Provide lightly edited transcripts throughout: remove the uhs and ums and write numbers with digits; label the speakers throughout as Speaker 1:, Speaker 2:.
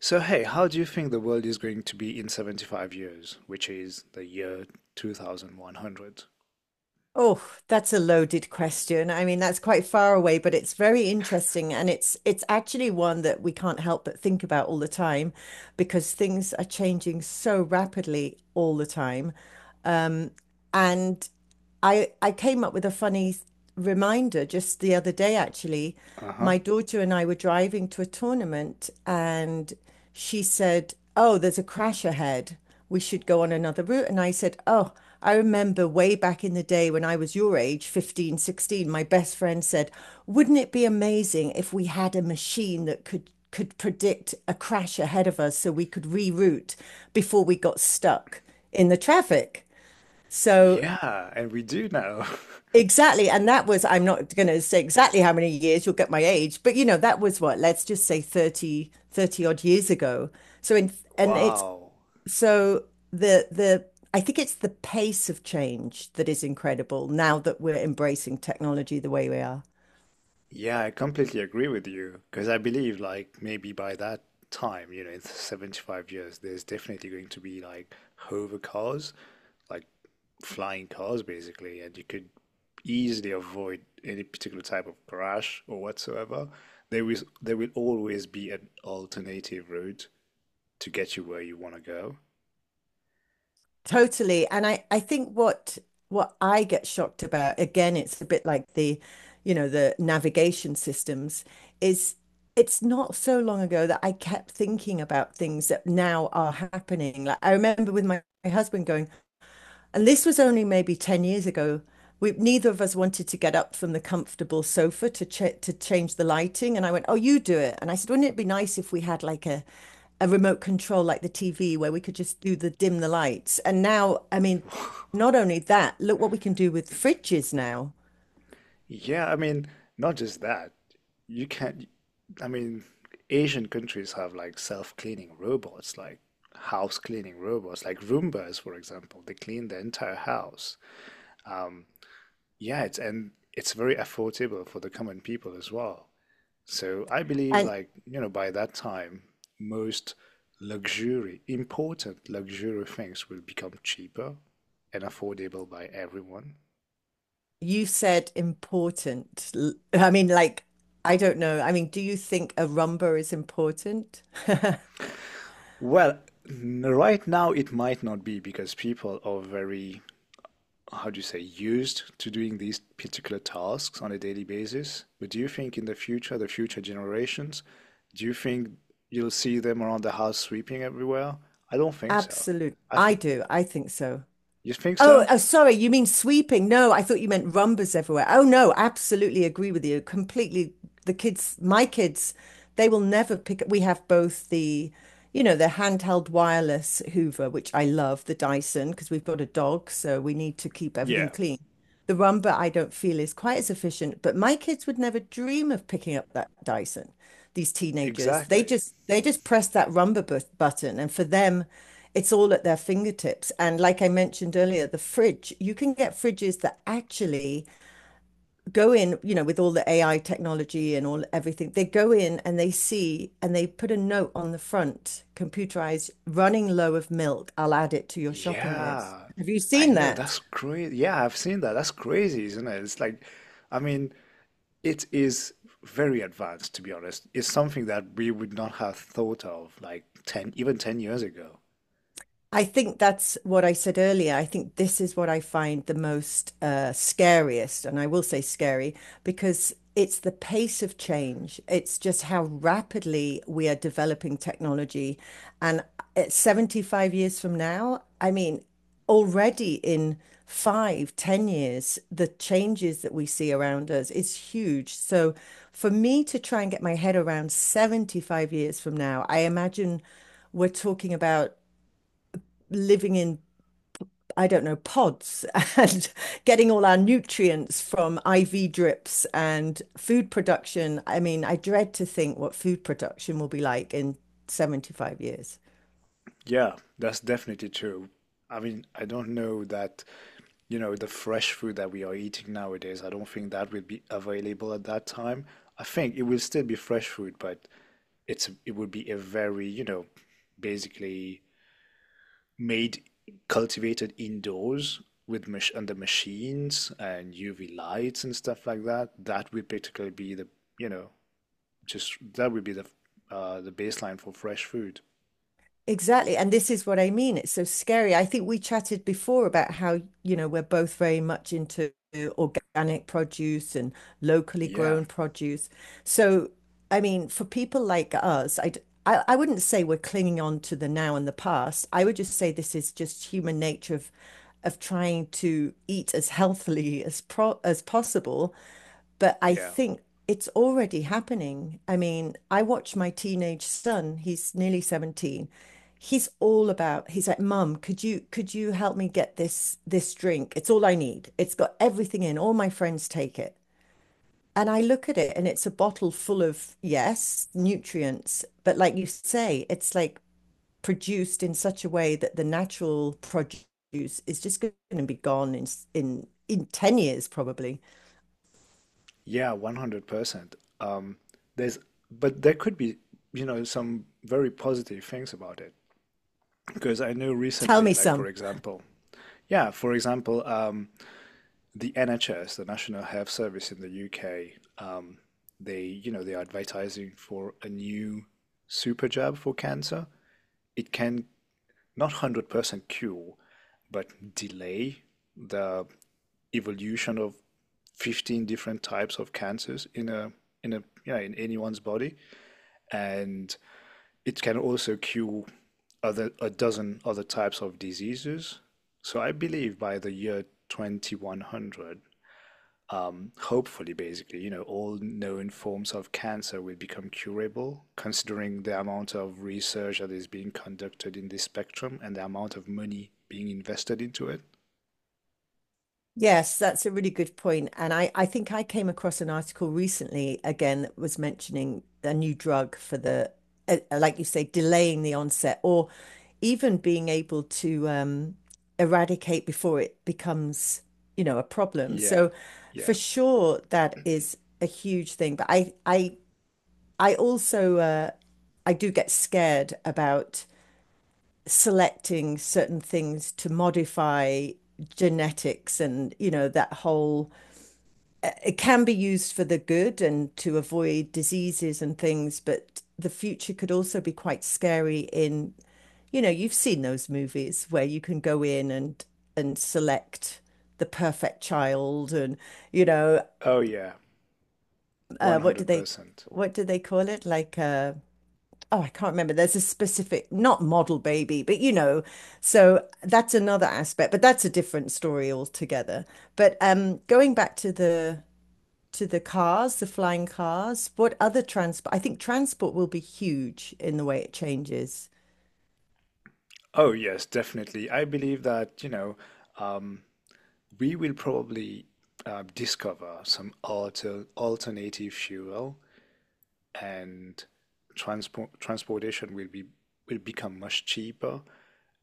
Speaker 1: So, hey, how do you think the world is going to be in 75 years, which is the year 2100?
Speaker 2: Oh, that's a loaded question. I mean, that's quite far away, but it's very interesting, and it's actually one that we can't help but think about all the time because things are changing so rapidly all the time. And I came up with a funny reminder just the other day, actually.
Speaker 1: Uh-huh.
Speaker 2: My daughter and I were driving to a tournament, and she said, "Oh, there's a crash ahead. We should go on another route." And I said, "Oh, I remember way back in the day when I was your age, 15, 16. My best friend said, wouldn't it be amazing if we had a machine that could predict a crash ahead of us so we could reroute before we got stuck in the traffic?" So
Speaker 1: Yeah, and we do know.
Speaker 2: Exactly. And that was, I'm not going to say exactly how many years, you'll get my age, but you know, that was what, let's just say 30, 30 odd years ago. So in, and it's,
Speaker 1: Wow.
Speaker 2: so the, I think it's the pace of change that is incredible now that we're embracing technology the way we are.
Speaker 1: Yeah, I completely agree with you because I believe, like, maybe by that time, you know, in 75 years, there's definitely going to be like hover cars, like flying cars basically, and you could easily avoid any particular type of crash or whatsoever. There will always be an alternative route to get you where you want to go.
Speaker 2: Totally. And I think what I get shocked about, again, it's a bit like the navigation systems, is it's not so long ago that I kept thinking about things that now are happening. Like I remember with my husband going, and this was only maybe 10 years ago. We, neither of us wanted to get up from the comfortable sofa to to change the lighting. And I went, "Oh, you do it." And I said, "Wouldn't it be nice if we had like a remote control like the TV where we could just do the dim the lights?" And now, I mean, not only that, look what we can do with fridges now.
Speaker 1: Yeah, I mean, not just that. You can, not I mean, Asian countries have like self-cleaning robots, like house cleaning robots, like Roombas, for example. They clean the entire house. Um, yeah, it's, and it's very affordable for the common people as well. So I believe,
Speaker 2: And
Speaker 1: like, you know, by that time, most luxury, important luxury things will become cheaper and affordable by everyone.
Speaker 2: you said important. I mean, like, I don't know. I mean, do you think a rumba is important?
Speaker 1: Well, right now it might not be because people are very, how do you say, used to doing these particular tasks on a daily basis. But do you think in the future generations, do you think you'll see them around the house sweeping everywhere? I don't think so.
Speaker 2: Absolutely.
Speaker 1: I
Speaker 2: I
Speaker 1: think
Speaker 2: do. I think so.
Speaker 1: you think
Speaker 2: Oh,
Speaker 1: so?
Speaker 2: oh, sorry, you mean sweeping? No, I thought you meant rumbas everywhere. Oh, no, absolutely agree with you. Completely. The kids, my kids, they will never pick up. We have both the handheld wireless Hoover, which I love, the Dyson, because we've got a dog, so we need to keep
Speaker 1: Yeah,
Speaker 2: everything clean. The rumba I don't feel is quite as efficient, but my kids would never dream of picking up that Dyson. These teenagers, they
Speaker 1: exactly.
Speaker 2: just they just press that rumba button, and for them, it's all at their fingertips. And like I mentioned earlier, the fridge, you can get fridges that actually go in, you know, with all the AI technology and all everything. They go in and they see and they put a note on the front, computerized, "Running low of milk. I'll add it to your shopping list."
Speaker 1: Yeah,
Speaker 2: Have you
Speaker 1: I
Speaker 2: seen
Speaker 1: know,
Speaker 2: that?
Speaker 1: that's crazy. Yeah, I've seen that. That's crazy, isn't it? It's like, I mean, it is very advanced, to be honest. It's something that we would not have thought of like 10, even 10 years ago.
Speaker 2: I think that's what I said earlier. I think this is what I find the most scariest, and I will say scary because it's the pace of change. It's just how rapidly we are developing technology. And at 75 years from now, I mean, already in 5, 10 years, the changes that we see around us is huge. So for me to try and get my head around 75 years from now, I imagine we're talking about living in, I don't know, pods and getting all our nutrients from IV drips and food production. I mean, I dread to think what food production will be like in 75 years.
Speaker 1: Yeah, that's definitely true. I mean, I don't know that, you know, the fresh food that we are eating nowadays, I don't think that would be available at that time. I think it will still be fresh food, but it would be a very, you know, basically made cultivated indoors with mach under machines and UV lights and stuff like that, that would particularly be the, you know, just that would be the baseline for fresh food.
Speaker 2: Exactly. And this is what I mean. It's so scary. I think we chatted before about how, you know, we're both very much into organic produce and locally
Speaker 1: Yeah,
Speaker 2: grown produce. So, I mean, for people like us, I wouldn't say we're clinging on to the now and the past. I would just say this is just human nature of trying to eat as healthily as pro as possible. But I
Speaker 1: yeah,
Speaker 2: think it's already happening. I mean, I watch my teenage son, he's nearly 17. He's all about, he's like, "Mum, could you help me get this drink? It's all I need. It's got everything in. All my friends take it." And I look at it and it's a bottle full of, yes, nutrients, but like you say, it's like produced in such a way that the natural produce is just going to be gone in in 10 years probably.
Speaker 1: yeah, 100%. Um, there's, but there could be, you know, some very positive things about it because I know
Speaker 2: Tell me
Speaker 1: recently, like, for
Speaker 2: some.
Speaker 1: example, yeah, for example, the NHS, the National Health Service in the UK, um, they, you know, they are advertising for a new super jab for cancer. It can not 100% cure, but delay the evolution of 15 different types of cancers in a in a in anyone's body, and it can also cure other a dozen other types of diseases. So I believe by the year 2100, hopefully, basically, you know, all known forms of cancer will become curable, considering the amount of research that is being conducted in this spectrum and the amount of money being invested into it.
Speaker 2: Yes, that's a really good point. And I think I came across an article recently again that was mentioning a new drug for the like you say, delaying the onset or even being able to eradicate before it becomes, you know, a problem.
Speaker 1: Yeah,
Speaker 2: So for
Speaker 1: yeah.
Speaker 2: sure, that is a huge thing. But I also, I do get scared about selecting certain things to modify genetics and, you know, that whole it can be used for the good and to avoid diseases and things, but the future could also be quite scary in, you know, you've seen those movies where you can go in and select the perfect child and, you know,
Speaker 1: Oh, yeah,
Speaker 2: uh, what do they
Speaker 1: 100%.
Speaker 2: what do they call it? Like oh, I can't remember. There's a specific, not model baby, but you know, so that's another aspect, but that's a different story altogether. But going back to the cars, the flying cars? What other transport? I think transport will be huge in the way it changes.
Speaker 1: Oh, yes, definitely. I believe that, you know, um, we will probably discover some alternative fuel, and transportation will be, will become much cheaper,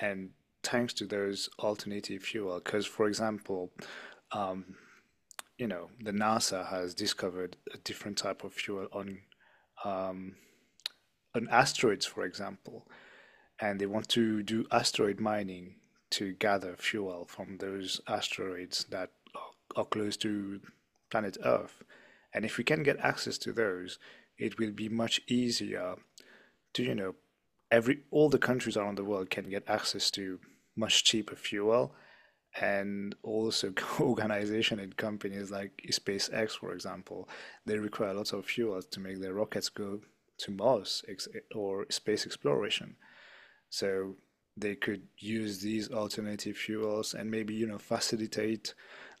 Speaker 1: and thanks to those alternative fuel. Because, for example, you know, the NASA has discovered a different type of fuel on asteroids, for example, and they want to do asteroid mining to gather fuel from those asteroids that are close to planet Earth, and if we can get access to those, it will be much easier. Do you know, every, all the countries around the world can get access to much cheaper fuel. And also organization and companies like SpaceX, for example, they require lots of fuel to make their rockets go to Mars or space exploration. So they could use these alternative fuels and maybe, you know, facilitate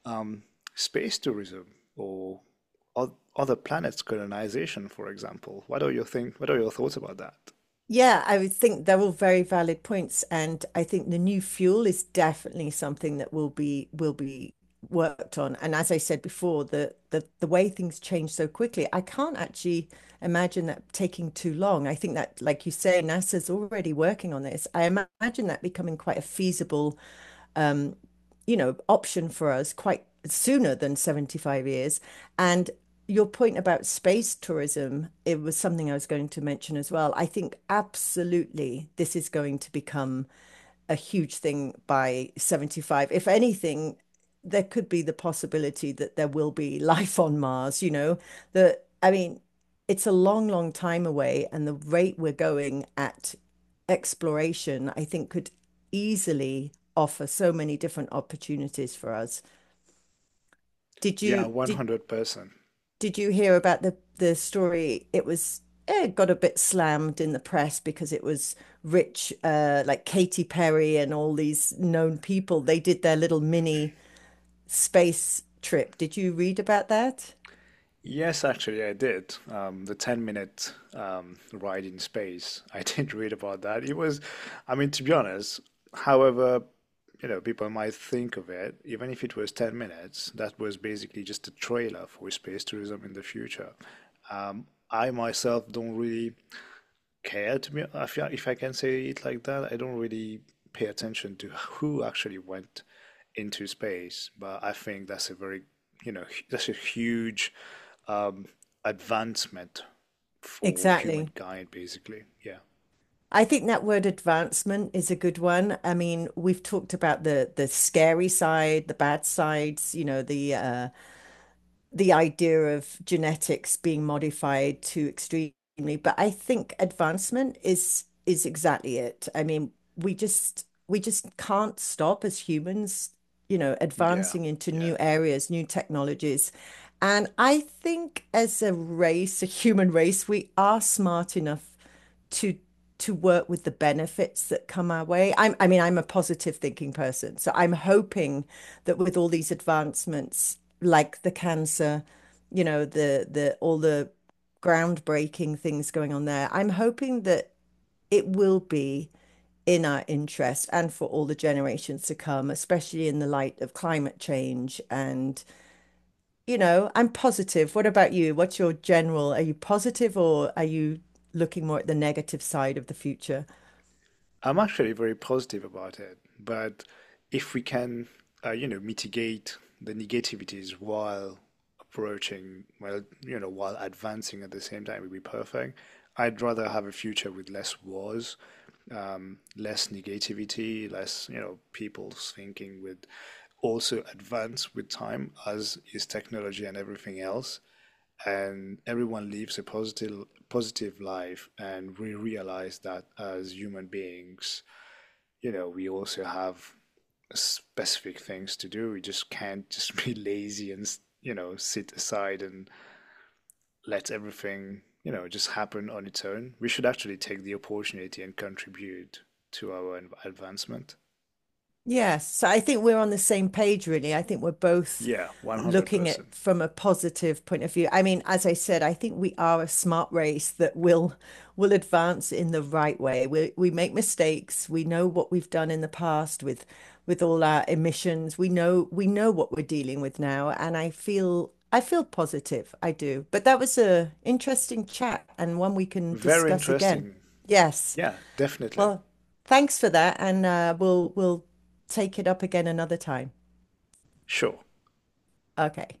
Speaker 1: um, space tourism or other planets colonization, for example. What are your think? What are your thoughts about that?
Speaker 2: Yeah, I would think they're all very valid points, and I think the new fuel is definitely something that will be worked on. And as I said before, the way things change so quickly, I can't actually imagine that taking too long. I think that, like you say, NASA's already working on this. I imagine that becoming quite a feasible, you know, option for us quite sooner than 75 years. And your point about space tourism, it was something I was going to mention as well. I think absolutely this is going to become a huge thing by 75. If anything, there could be the possibility that there will be life on Mars, you know, that I mean, it's a long, long time away, and the rate we're going at exploration, I think, could easily offer so many different opportunities for us. Did
Speaker 1: Yeah,
Speaker 2: you did
Speaker 1: 100%.
Speaker 2: did you hear about the story? It was it got a bit slammed in the press because it was rich, like Katy Perry and all these known people. They did their little mini space trip. Did you read about that?
Speaker 1: Yes, actually, I did. The 10 minute ride in space. I did read about that. It was, I mean, to be honest, however, you know, people might think of it, even if it was 10 minutes, that was basically just a trailer for space tourism in the future. I myself don't really care, to be, if I can say it like that. I don't really pay attention to who actually went into space, but I think that's a very, you know, that's a huge um, advancement for
Speaker 2: Exactly.
Speaker 1: humankind, basically. Yeah,
Speaker 2: I think that word advancement is a good one. I mean, we've talked about the scary side, the bad sides, you know, the idea of genetics being modified to extremely, but I think advancement is exactly it. I mean, we just can't stop as humans, you know,
Speaker 1: yeah,
Speaker 2: advancing into
Speaker 1: yeah.
Speaker 2: new areas, new technologies. And I think as a race, a human race, we are smart enough to work with the benefits that come our way. I mean, I'm a positive thinking person, so I'm hoping that with all these advancements, like the cancer, you know, the all the groundbreaking things going on there, I'm hoping that it will be in our interest and for all the generations to come, especially in the light of climate change. And, you know, I'm positive. What about you? What's your general? Are you positive or are you looking more at the negative side of the future?
Speaker 1: I'm actually very positive about it, but if we can, you know, mitigate the negativities while approaching, well, you know, while advancing at the same time, it would be perfect. I'd rather have a future with less wars, less negativity, less, you know, people's thinking would also advance with time, as is technology and everything else. And everyone lives a positive positive life, and we realize that as human beings, you know, we also have specific things to do. We just can't just be lazy and, you know, sit aside and let everything, you know, just happen on its own. We should actually take the opportunity and contribute to our advancement.
Speaker 2: Yes, so I think we're on the same page, really. I think we're both
Speaker 1: Yeah,
Speaker 2: looking at
Speaker 1: 100%.
Speaker 2: from a positive point of view. I mean, as I said, I think we are a smart race that will advance in the right way. We make mistakes. We know what we've done in the past with all our emissions. We know what we're dealing with now, and I feel positive. I do. But that was a interesting chat and one we can
Speaker 1: Very
Speaker 2: discuss again.
Speaker 1: interesting.
Speaker 2: Yes.
Speaker 1: Yeah, definitely.
Speaker 2: Well, thanks for that, and we'll take it up again another time.
Speaker 1: Sure.
Speaker 2: Okay.